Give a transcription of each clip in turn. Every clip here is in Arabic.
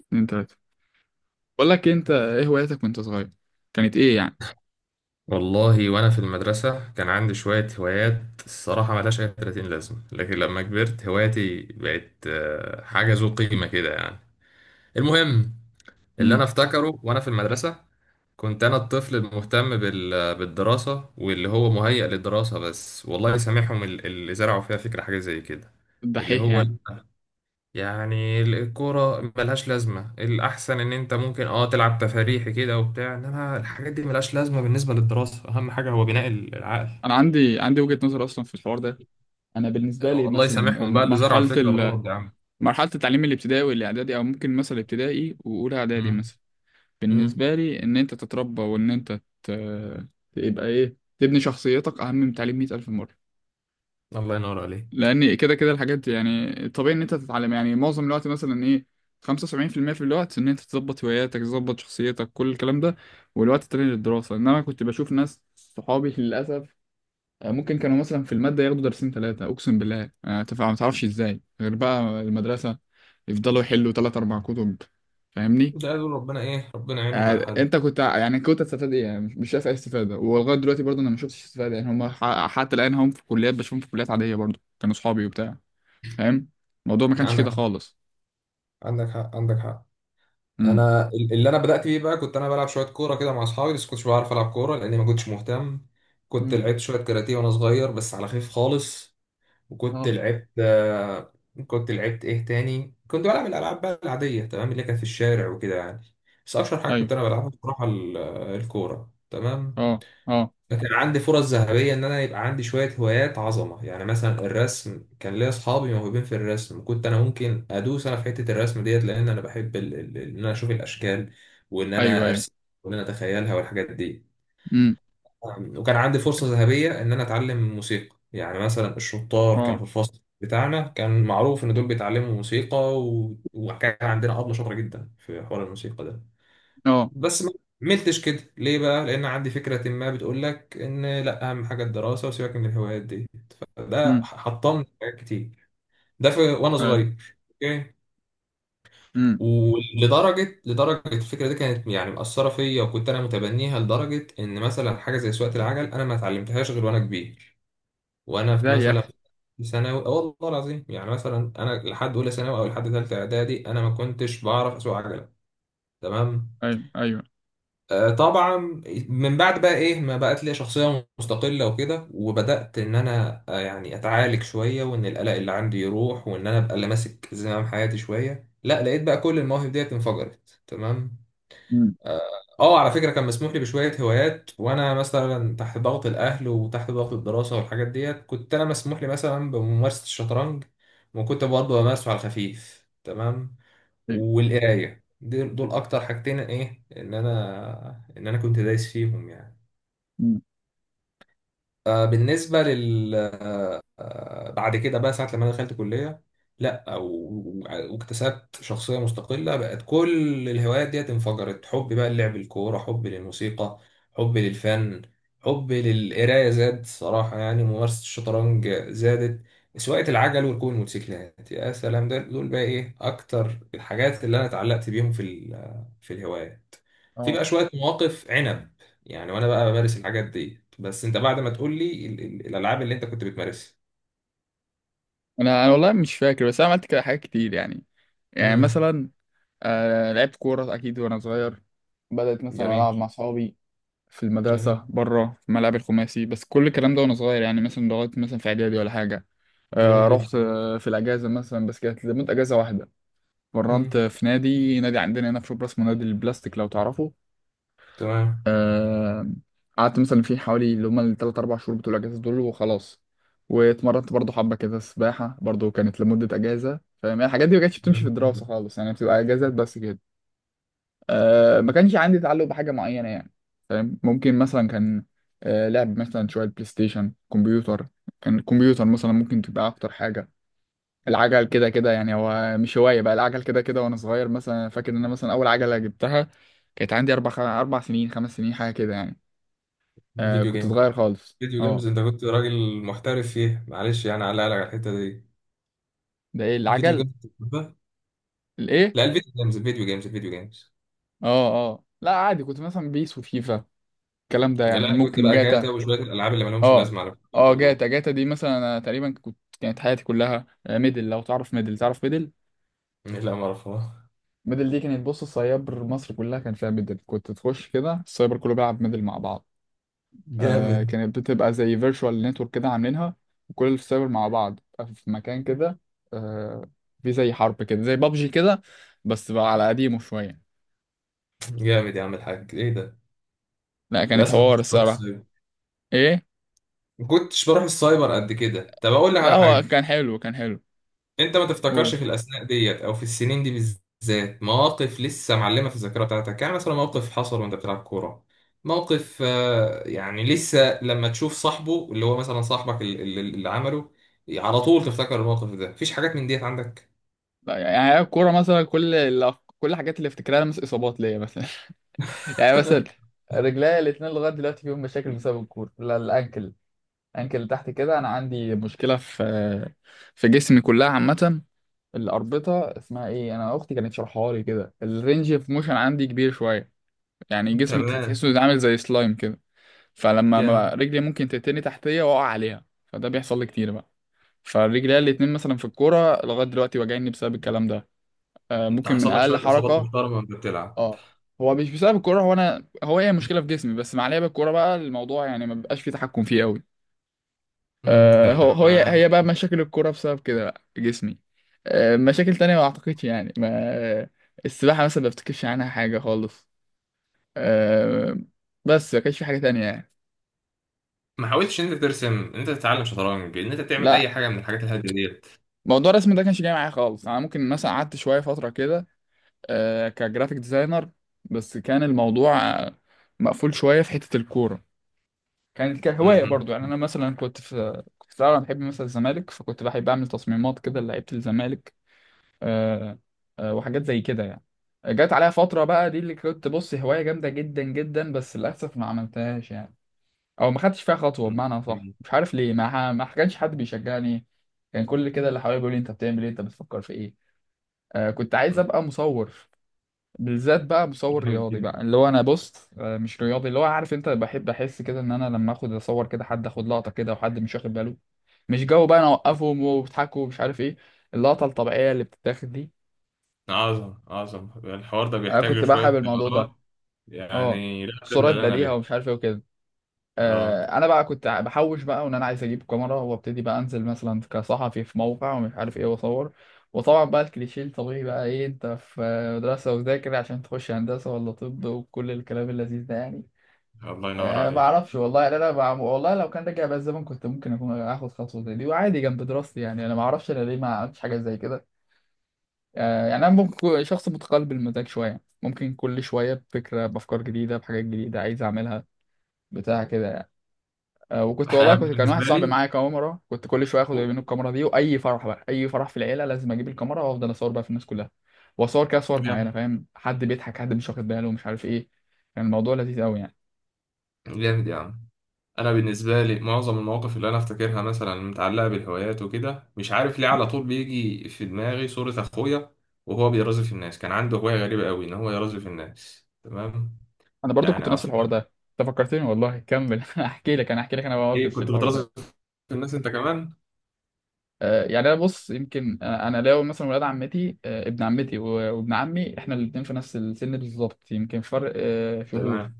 اتنين تلاتة. بقول لك إيه، انت ايه هواياتك وانت صغير؟ كانت ايه يعني؟ والله وانا في المدرسه كان عندي شويه هوايات الصراحه ملهاش اي 30 لازمه، لكن لما كبرت هواياتي بقت حاجه ذو قيمه كده يعني. المهم، اللي انا امم. افتكره وانا في المدرسه كنت انا الطفل المهتم بالدراسه واللي هو مهيأ للدراسه بس. والله سامحهم اللي زرعوا فيها فكره حاجه زي كده، اللي الدحيح هو يعني. يعني الكورة ملهاش لازمة، الأحسن إن أنت ممكن تلعب تفاريحي كده وبتاع، إنما الحاجات دي ملهاش لازمة بالنسبة للدراسة، أهم حاجة هو بناء العقل. انا عندي وجهة نظر اصلا في الحوار ده. انا بالنسبة لي الله مثلا يسامحهم بقى اللي زرعوا مرحلة الفكرة ال... الغلط دي يا عم. مرحلة التعليم الابتدائي والاعدادي او ممكن مثلا ابتدائي واولى اعدادي مم. مثلا. مم. بالنسبة لي ان انت تتربى تبقى ايه، تبني شخصيتك اهم من تعليم 100,000 مرة. الله ينور عليك. لان كده كده الحاجات دي يعني طبيعي ان انت تتعلم، يعني معظم الوقت مثلا ايه، 75% في المية في الوقت ان انت تظبط هواياتك تظبط شخصيتك كل الكلام ده، والوقت التاني للدراسه. انما كنت بشوف ناس صحابي للاسف ممكن كانوا مثلا في الماده ياخدوا درسين ثلاثه، اقسم بالله ما تعرفش ازاي، غير بقى المدرسه يفضلوا يحلوا ثلاث اربع كتب. فاهمني؟ ده قالوا ربنا إيه؟ ربنا يعينهم على حالهم. انت كنت هتستفاد ايه يعني؟ مش شايف اي استفاده، ولغايه دلوقتي برضه انا ما شفتش استفاده. يعني هم حتى الان هم في كليات، بشوفهم في كليات عاديه برضه كانوا صحابي وبتاع. فاهم؟ الموضوع ما كانش كده عندك حق، خالص. عندك حق عندك حق. امم. أنا اللي أنا بدأت بيه بقى كنت أنا بلعب شوية كورة كده مع أصحابي، بس كنتش بعرف ألعب كورة لأني ما كنتش مهتم. كنت امم. لعبت شوية كاراتيه وأنا صغير بس على خفيف خالص. وكنت اه. لعبت كنت لعبت ايه تاني، كنت بلعب الالعاب بقى العاديه تمام اللي كانت في الشارع وكده يعني. بس اشهر حاجه ايوه. كنت انا بلعبها بصراحه الكوره تمام. اه اه. فكان عندي فرص ذهبيه ان انا يبقى عندي شويه هوايات عظمه، يعني مثلا الرسم، كان ليا اصحابي موهوبين في الرسم، كنت انا ممكن ادوس انا في حته الرسم ديت لان انا بحب ان انا اشوف الاشكال وان ايوه انا ايوه. ارسم وان انا اتخيلها والحاجات دي. امم. نعم. وكان عندي فرصة ذهبية إن أنا أتعلم موسيقى، يعني مثلا الشطار كانوا اه في الفصل بتاعنا كان معروف إن دول بيتعلموا موسيقى وكان عندنا أبلة شاطرة جدا في حوار الموسيقى ده. اه. بس ما عملتش كده ليه بقى؟ لأن عندي فكرة ما بتقول لك إن لأ، أهم حاجة الدراسة وسيبك من الهوايات دي. فده امم. حطمني في حاجات كتير. وأنا ايوه. صغير أوكي. امم. لدرجة الفكرة دي كانت يعني مأثرة فيا وكنت أنا متبنيها، لدرجة إن مثلا حاجة زي سواقة العجل أنا ما اتعلمتهاش غير وأنا كبير. وانا في ازاي يا مثلا اخي؟ في ثانوي آه والله العظيم، يعني مثلا انا لحد اولى ثانوي او لحد ثالثه اعدادي انا ما كنتش بعرف اسوق عجله، تمام؟ ايوه ايوه. آه طبعا. من بعد بقى ايه ما بقت لي شخصيه مستقله وكده، وبدات ان انا آه يعني اتعالج شويه وان القلق اللي عندي يروح وان انا ابقى اللي ماسك زمام حياتي شويه، لا لقيت بقى كل المواهب ديت انفجرت تمام. امم. اه. على فكره كان مسموح لي بشويه هوايات وانا مثلا تحت ضغط الاهل وتحت ضغط الدراسه والحاجات ديت، كنت انا مسموح لي مثلا بممارسه الشطرنج، وكنت برضه بمارسه على الخفيف تمام. ايوه. والقرايه، دول اكتر حاجتين ايه ان انا كنت دايس فيهم يعني. امم. آه، بالنسبه لل بعد كده بقى ساعة لما انا دخلت كلية لا و- واكتسبت شخصية مستقلة، بقت كل الهوايات ديت انفجرت. حبي بقى للعب الكورة، حبي للموسيقى، حبي للفن، حبي للقراية زاد صراحة، يعني ممارسة الشطرنج زادت، سواقة العجل وركوب الموتوسيكلات يا سلام، ده دول بقى ايه اكتر الحاجات اللي انا اتعلقت بيهم في في الهوايات. في اه. بقى شوية مواقف عنب يعني وانا بقى بمارس الحاجات دي، بس انت بعد ما تقول لي الالعاب اللي انت كنت بتمارسها. انا والله مش فاكر، بس انا عملت كده حاجات كتير يعني. يعني امم. مثلا آه لعبت كوره اكيد وانا صغير، بدأت مثلا جميل. العب مع اصحابي في جميل. المدرسه، بره في الملعب الخماسي. بس كل الكلام ده وانا صغير يعني، مثلا لغايه مثلا في اعدادي ولا حاجه. آه جميل جدا. رحت آه في الاجازه مثلا، بس كانت لمده اجازه واحده. اتمرنت امم. في نادي عندنا هنا في شبرا اسمه نادي البلاستيك، لو تعرفه. تمام. آه، قعدت مثلا فيه حوالي اللي هما التلات أربع شهور بتوع الأجازة دول، وخلاص. واتمرنت برضه حبة كده سباحة، برضه كانت لمدة أجازة. فاهم يعني؟ الحاجات دي ما كانتش بتمشي في جميل جدا. الدراسة خالص، يعني بتبقى أجازات بس كده. أه ما كانش عندي تعلق بحاجة معينة يعني. فاهم؟ ممكن مثلا كان، أه لعب مثلا شوية بلاي ستيشن، كمبيوتر. كان الكمبيوتر مثلا ممكن تبقى أكتر حاجة. العجل كده كده يعني هو مش هواية بقى، العجل كده كده وأنا صغير. مثلا فاكر إن أنا مثلا أول عجلة جبتها كانت عندي أربع سنين، خمس سنين، حاجة كده يعني. آه فيديو كنت جيم، صغير خالص، فيديو أه. جيمز، انت كنت راجل محترف فيها معلش يعني على على الحته دي. ده إيه؟ فيديو العجل. جيمز كنت بتحبها؟ الإيه؟ لا الفيديو جيمز، الفيديو جيمز الفيديو جيمز. أه أه، لا عادي، كنت مثلا بيس وفيفا، الكلام ده لا يعني. انا كنت ممكن بقى جاتا. جاتا وشويه الالعاب اللي مالهمش أه لازمه على أه، الكمبيوتر دول. جاتا دي مثلا أنا تقريبا كنت، كانت حياتي كلها آه، ميدل. لو تعرف ميدل، تعرف ميدل؟ لا ما اعرفها. ميدل دي كانت، بص، السايبر مصر كلها كان فيها ميدل، كنت تخش كده السايبر كله بيلعب ميدل مع بعض. آه جامد. كانت بتبقى زي فيرتشوال نتورك كده عاملينها، وكل السايبر مع بعض بتبقى في مكان كده. آه في زي حرب كده، زي بابجي كده، بس بقى على قديمه شوية. جامد يا عم الحاج ايه ده. لا كانت للاسف ما حوار كنتش بروح الصراحة. السايبر. ايه؟ ما كنتش بروح السايبر قد كده. طب اقول لك لا على هو حاجه، كان حلو، كان حلو. انت ما تفتكرش قول. في الاثناء ديت او في السنين دي بالذات مواقف لسه معلمه في الذاكره بتاعتك؟ يعني مثلا موقف حصل وانت بتلعب كوره، موقف يعني لسه لما تشوف صاحبه اللي هو مثلا صاحبك اللي عمله على طول تفتكر الموقف ده. مفيش حاجات من ديت عندك؟ لا يعني هي الكورة مثلا، كل كل الحاجات اللي افتكرها مثلا اصابات ليا مثلا. يعني مثلا رجليا الاثنين لغايه دلوقتي فيهم مشاكل بسبب الكوره، لا الانكل، الانكل اللي تحت كده. انا عندي مشكله في في جسمي كلها عامه، الاربطه اسمها ايه، انا اختي كانت شرحها لي كده، الرينج اوف موشن عندي كبير شويه. يعني جسمي تمام. تحسه زي، عامل زي سلايم كده. فلما جامد. رجلي ممكن تتني تحتيه، واقع عليها، فده بيحصل لي كتير بقى. فرجليا الاتنين مثلا في الكوره لغايه دلوقتي واجعني بسبب الكلام ده. آه انت ممكن من حصل لك اقل شويه اصابات حركه. محترمه وانت بتلعب. اه هو مش بسبب الكوره، هو انا، هو هي مشكله في جسمي، بس مع لعب الكوره بقى الموضوع يعني ما بيبقاش فيه تحكم فيه قوي. مم، آه، هو هي تمام. هي بقى مشاكل الكوره بسبب كده بقى جسمي. آه، مشاكل تانية ما اعتقدش يعني، ما. السباحه مثلا ما بفتكرش عنها حاجه خالص. آه، بس ما كانش في حاجه تانية يعني. ما حاولتش ان انت ترسم، ان انت تتعلم شطرنج، ان انت تعمل لا اي حاجه من الحاجات الهاديه ديت؟ موضوع الرسم ده كانش جاي معايا خالص. انا ممكن مثلا قعدت شويه فتره كده آه، كجرافيك ديزاينر. بس كان الموضوع آه، مقفول شويه في حته الكوره. كانت كهوايه مهم. برضو يعني، انا مثلا كنت في الاول أنا بحب مثلا الزمالك، فكنت بحب اعمل تصميمات كده لعيبه الزمالك. آه، آه، وحاجات زي كده يعني. جت عليها فترة بقى، دي اللي كنت بص هواية جامدة جدا جدا، بس للأسف ما عملتهاش يعني. أو ما خدتش فيها خطوة مم. بمعنى صح، جميل. مش عارف ليه، ما كانش حد بيشجعني. كان كل كده اللي حواليا بيقول لي أنت بتعمل إيه، أنت بتفكر في إيه. آه كنت عايز مم. أبقى مصور، بالذات بقى مصور جامد رياضي جدا. بقى، اللي هو أنا بص آه مش رياضي، اللي هو عارف أنت، بحب أحس كده إن أنا لما آخد أصور كده، حد آخد لقطة كده وحد مش واخد باله، مش جو بقى أنا أوقفهم وبيضحكوا ومش عارف إيه، اللقطة الطبيعية اللي بتتاخد دي. عظم، عظم الحوار ده انا بيحتاج له كنت بقى شوية حابب الموضوع مهارات ده. اه. يعني. لا قبل صورات اللي أنا بديهة بيها. ومش عارف ايه وكده. آه. آه انا بقى كنت بحوش بقى، وان انا عايز اجيب كاميرا وابتدي بقى انزل مثلا كصحفي في موقع ومش عارف ايه واصور. وطبعا بقى الكليشيه الطبيعي بقى، ايه انت في مدرسة وذاكر عشان تخش هندسة ولا طب وكل الكلام اللذيذ ده يعني. الله ينور أه ما عليك. اعرفش والله يعني. والله لو كان رجع بقى الزمن كنت ممكن اكون اخد خطوة زي دي وعادي جنب دراستي يعني. انا ما اعرفش انا ليه ما عملتش حاجة زي كده. آه، يعني انا ممكن شخص متقلب المزاج شويه، ممكن كل شويه بفكره بافكار جديده، بحاجات جديده عايز اعملها، بتاع كده يعني. أه وكنت والله أنا كنت، كان واحد بالنسبة صاحبي لي. معايا كاميرا، كنت كل شويه اخد منه الكاميرا دي، واي فرح بقى، اي فرح في العيله لازم اجيب الكاميرا وافضل اصور بقى في الناس كلها، واصور كده صور معينه، جامد. فاهم، حد بيضحك حد مش واخد باله مش عارف ايه. كان الموضوع لذيذ قوي يعني. جامد يا عم. أنا بالنسبة لي معظم المواقف اللي أنا أفتكرها مثلا متعلقة بالهوايات وكده، مش عارف ليه على طول بيجي في دماغي صورة أخويا وهو بيرازف الناس. كان عنده هواية غريبة أوي إن هو يرازف الناس تمام. انا برضو كنت يعني نفس الحوار أفكار. ده. انت فكرتني والله، كمل. احكي لك انا، احكي لك انا إيه، مواقف في كنت الحوار بترازف ده. الناس أنت كمان؟ آه، يعني انا بص، يمكن أنا لو مثلا ولاد عمتي آه، ابن عمتي وابن عمي، احنا الاثنين في نفس السن بالظبط، يمكن فرق آه، تمام. شهور.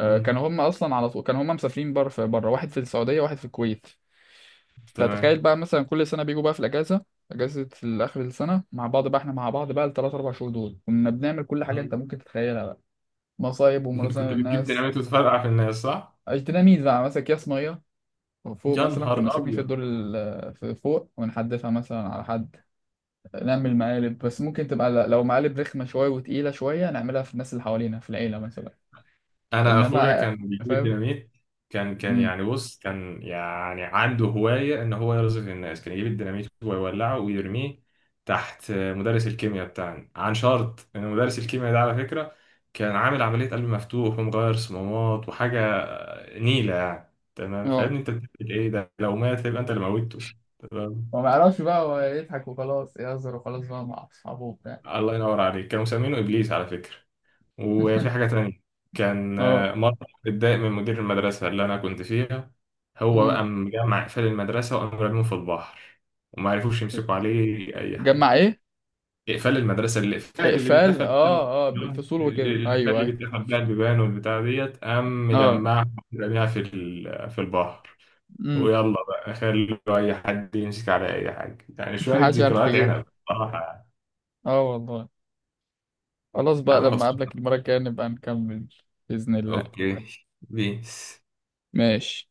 آه، مم. كانوا هم اصلا على طول كانوا هم مسافرين بره، في بره واحد في السعوديه واحد في الكويت. تمام. فتخيل بقى مثلا كل سنه بيجوا بقى في الاجازه، اجازه اخر السنه، مع بعض بقى. احنا مع بعض بقى الثلاث اربع شهور دول كنا بنعمل كل حاجه انت مم. ممكن تتخيلها بقى. مصايب ومراسم كنت بتجيب للناس. ديناميت وتفرقع في الناس صح؟ اجتناميز بقى، مثلا اكياس ميه، وفوق يا مثلا نهار كنا ساكنين ابيض. في فوق، ونحدفها مثلا على حد. نعمل مقالب، بس ممكن تبقى لو مقالب رخمة شوية وتقيلة شوية، نعملها في الناس اللي حوالينا في العيلة مثلا. انا اخويا إنما كان بيجيب فاهم. الديناميت، كان امم. يعني بص كان يعني عنده هوايه ان هو يرزف الناس، كان يجيب الديناميت ويولعه ويرميه تحت مدرس الكيمياء بتاعنا. عن شرط ان مدرس الكيمياء ده على فكره كان عامل عمليه قلب مفتوح ومغير صمامات وحاجه نيله يعني، تمام؟ اه. فابني انت بتعمل ايه ده؟ لو مات هيبقى انت اللي موتته، تمام؟ هو ما يعرفش بقى، هو يضحك وخلاص، يهزر وخلاص بقى مع أصحابه وبتاع. الله ينور عليك. كانوا مسمينه ابليس على فكره. وفي حاجة تانية، كان اه. مرة اتضايق من مدير المدرسة اللي أنا كنت فيها، هو امم. بقى مجمع إقفال المدرسة وقام رميهم في البحر، وما عرفوش يمسكوا عليه أي جمع حاجة. إيه؟ إقفال المدرسة، الإقفال اللي إقفال، اه اه بالفصول وكده، الإقفال أيوه اللي أيوه. بيتقفل بقى البيبان والبتاع ديت، قام اه. مجمعها رميها في في البحر، امم. ويلا بقى خلوا أي حد يمسك على أي حاجة. يعني شوية محدش عارف ذكريات يجيبه. عنب بصراحة يعني. اه والله. خلاص يا بقى، عم لما خلصنا. أقابلك المرة الجاية نبقى نكمل. بإذن الله. أوكي. بيس. ماشي.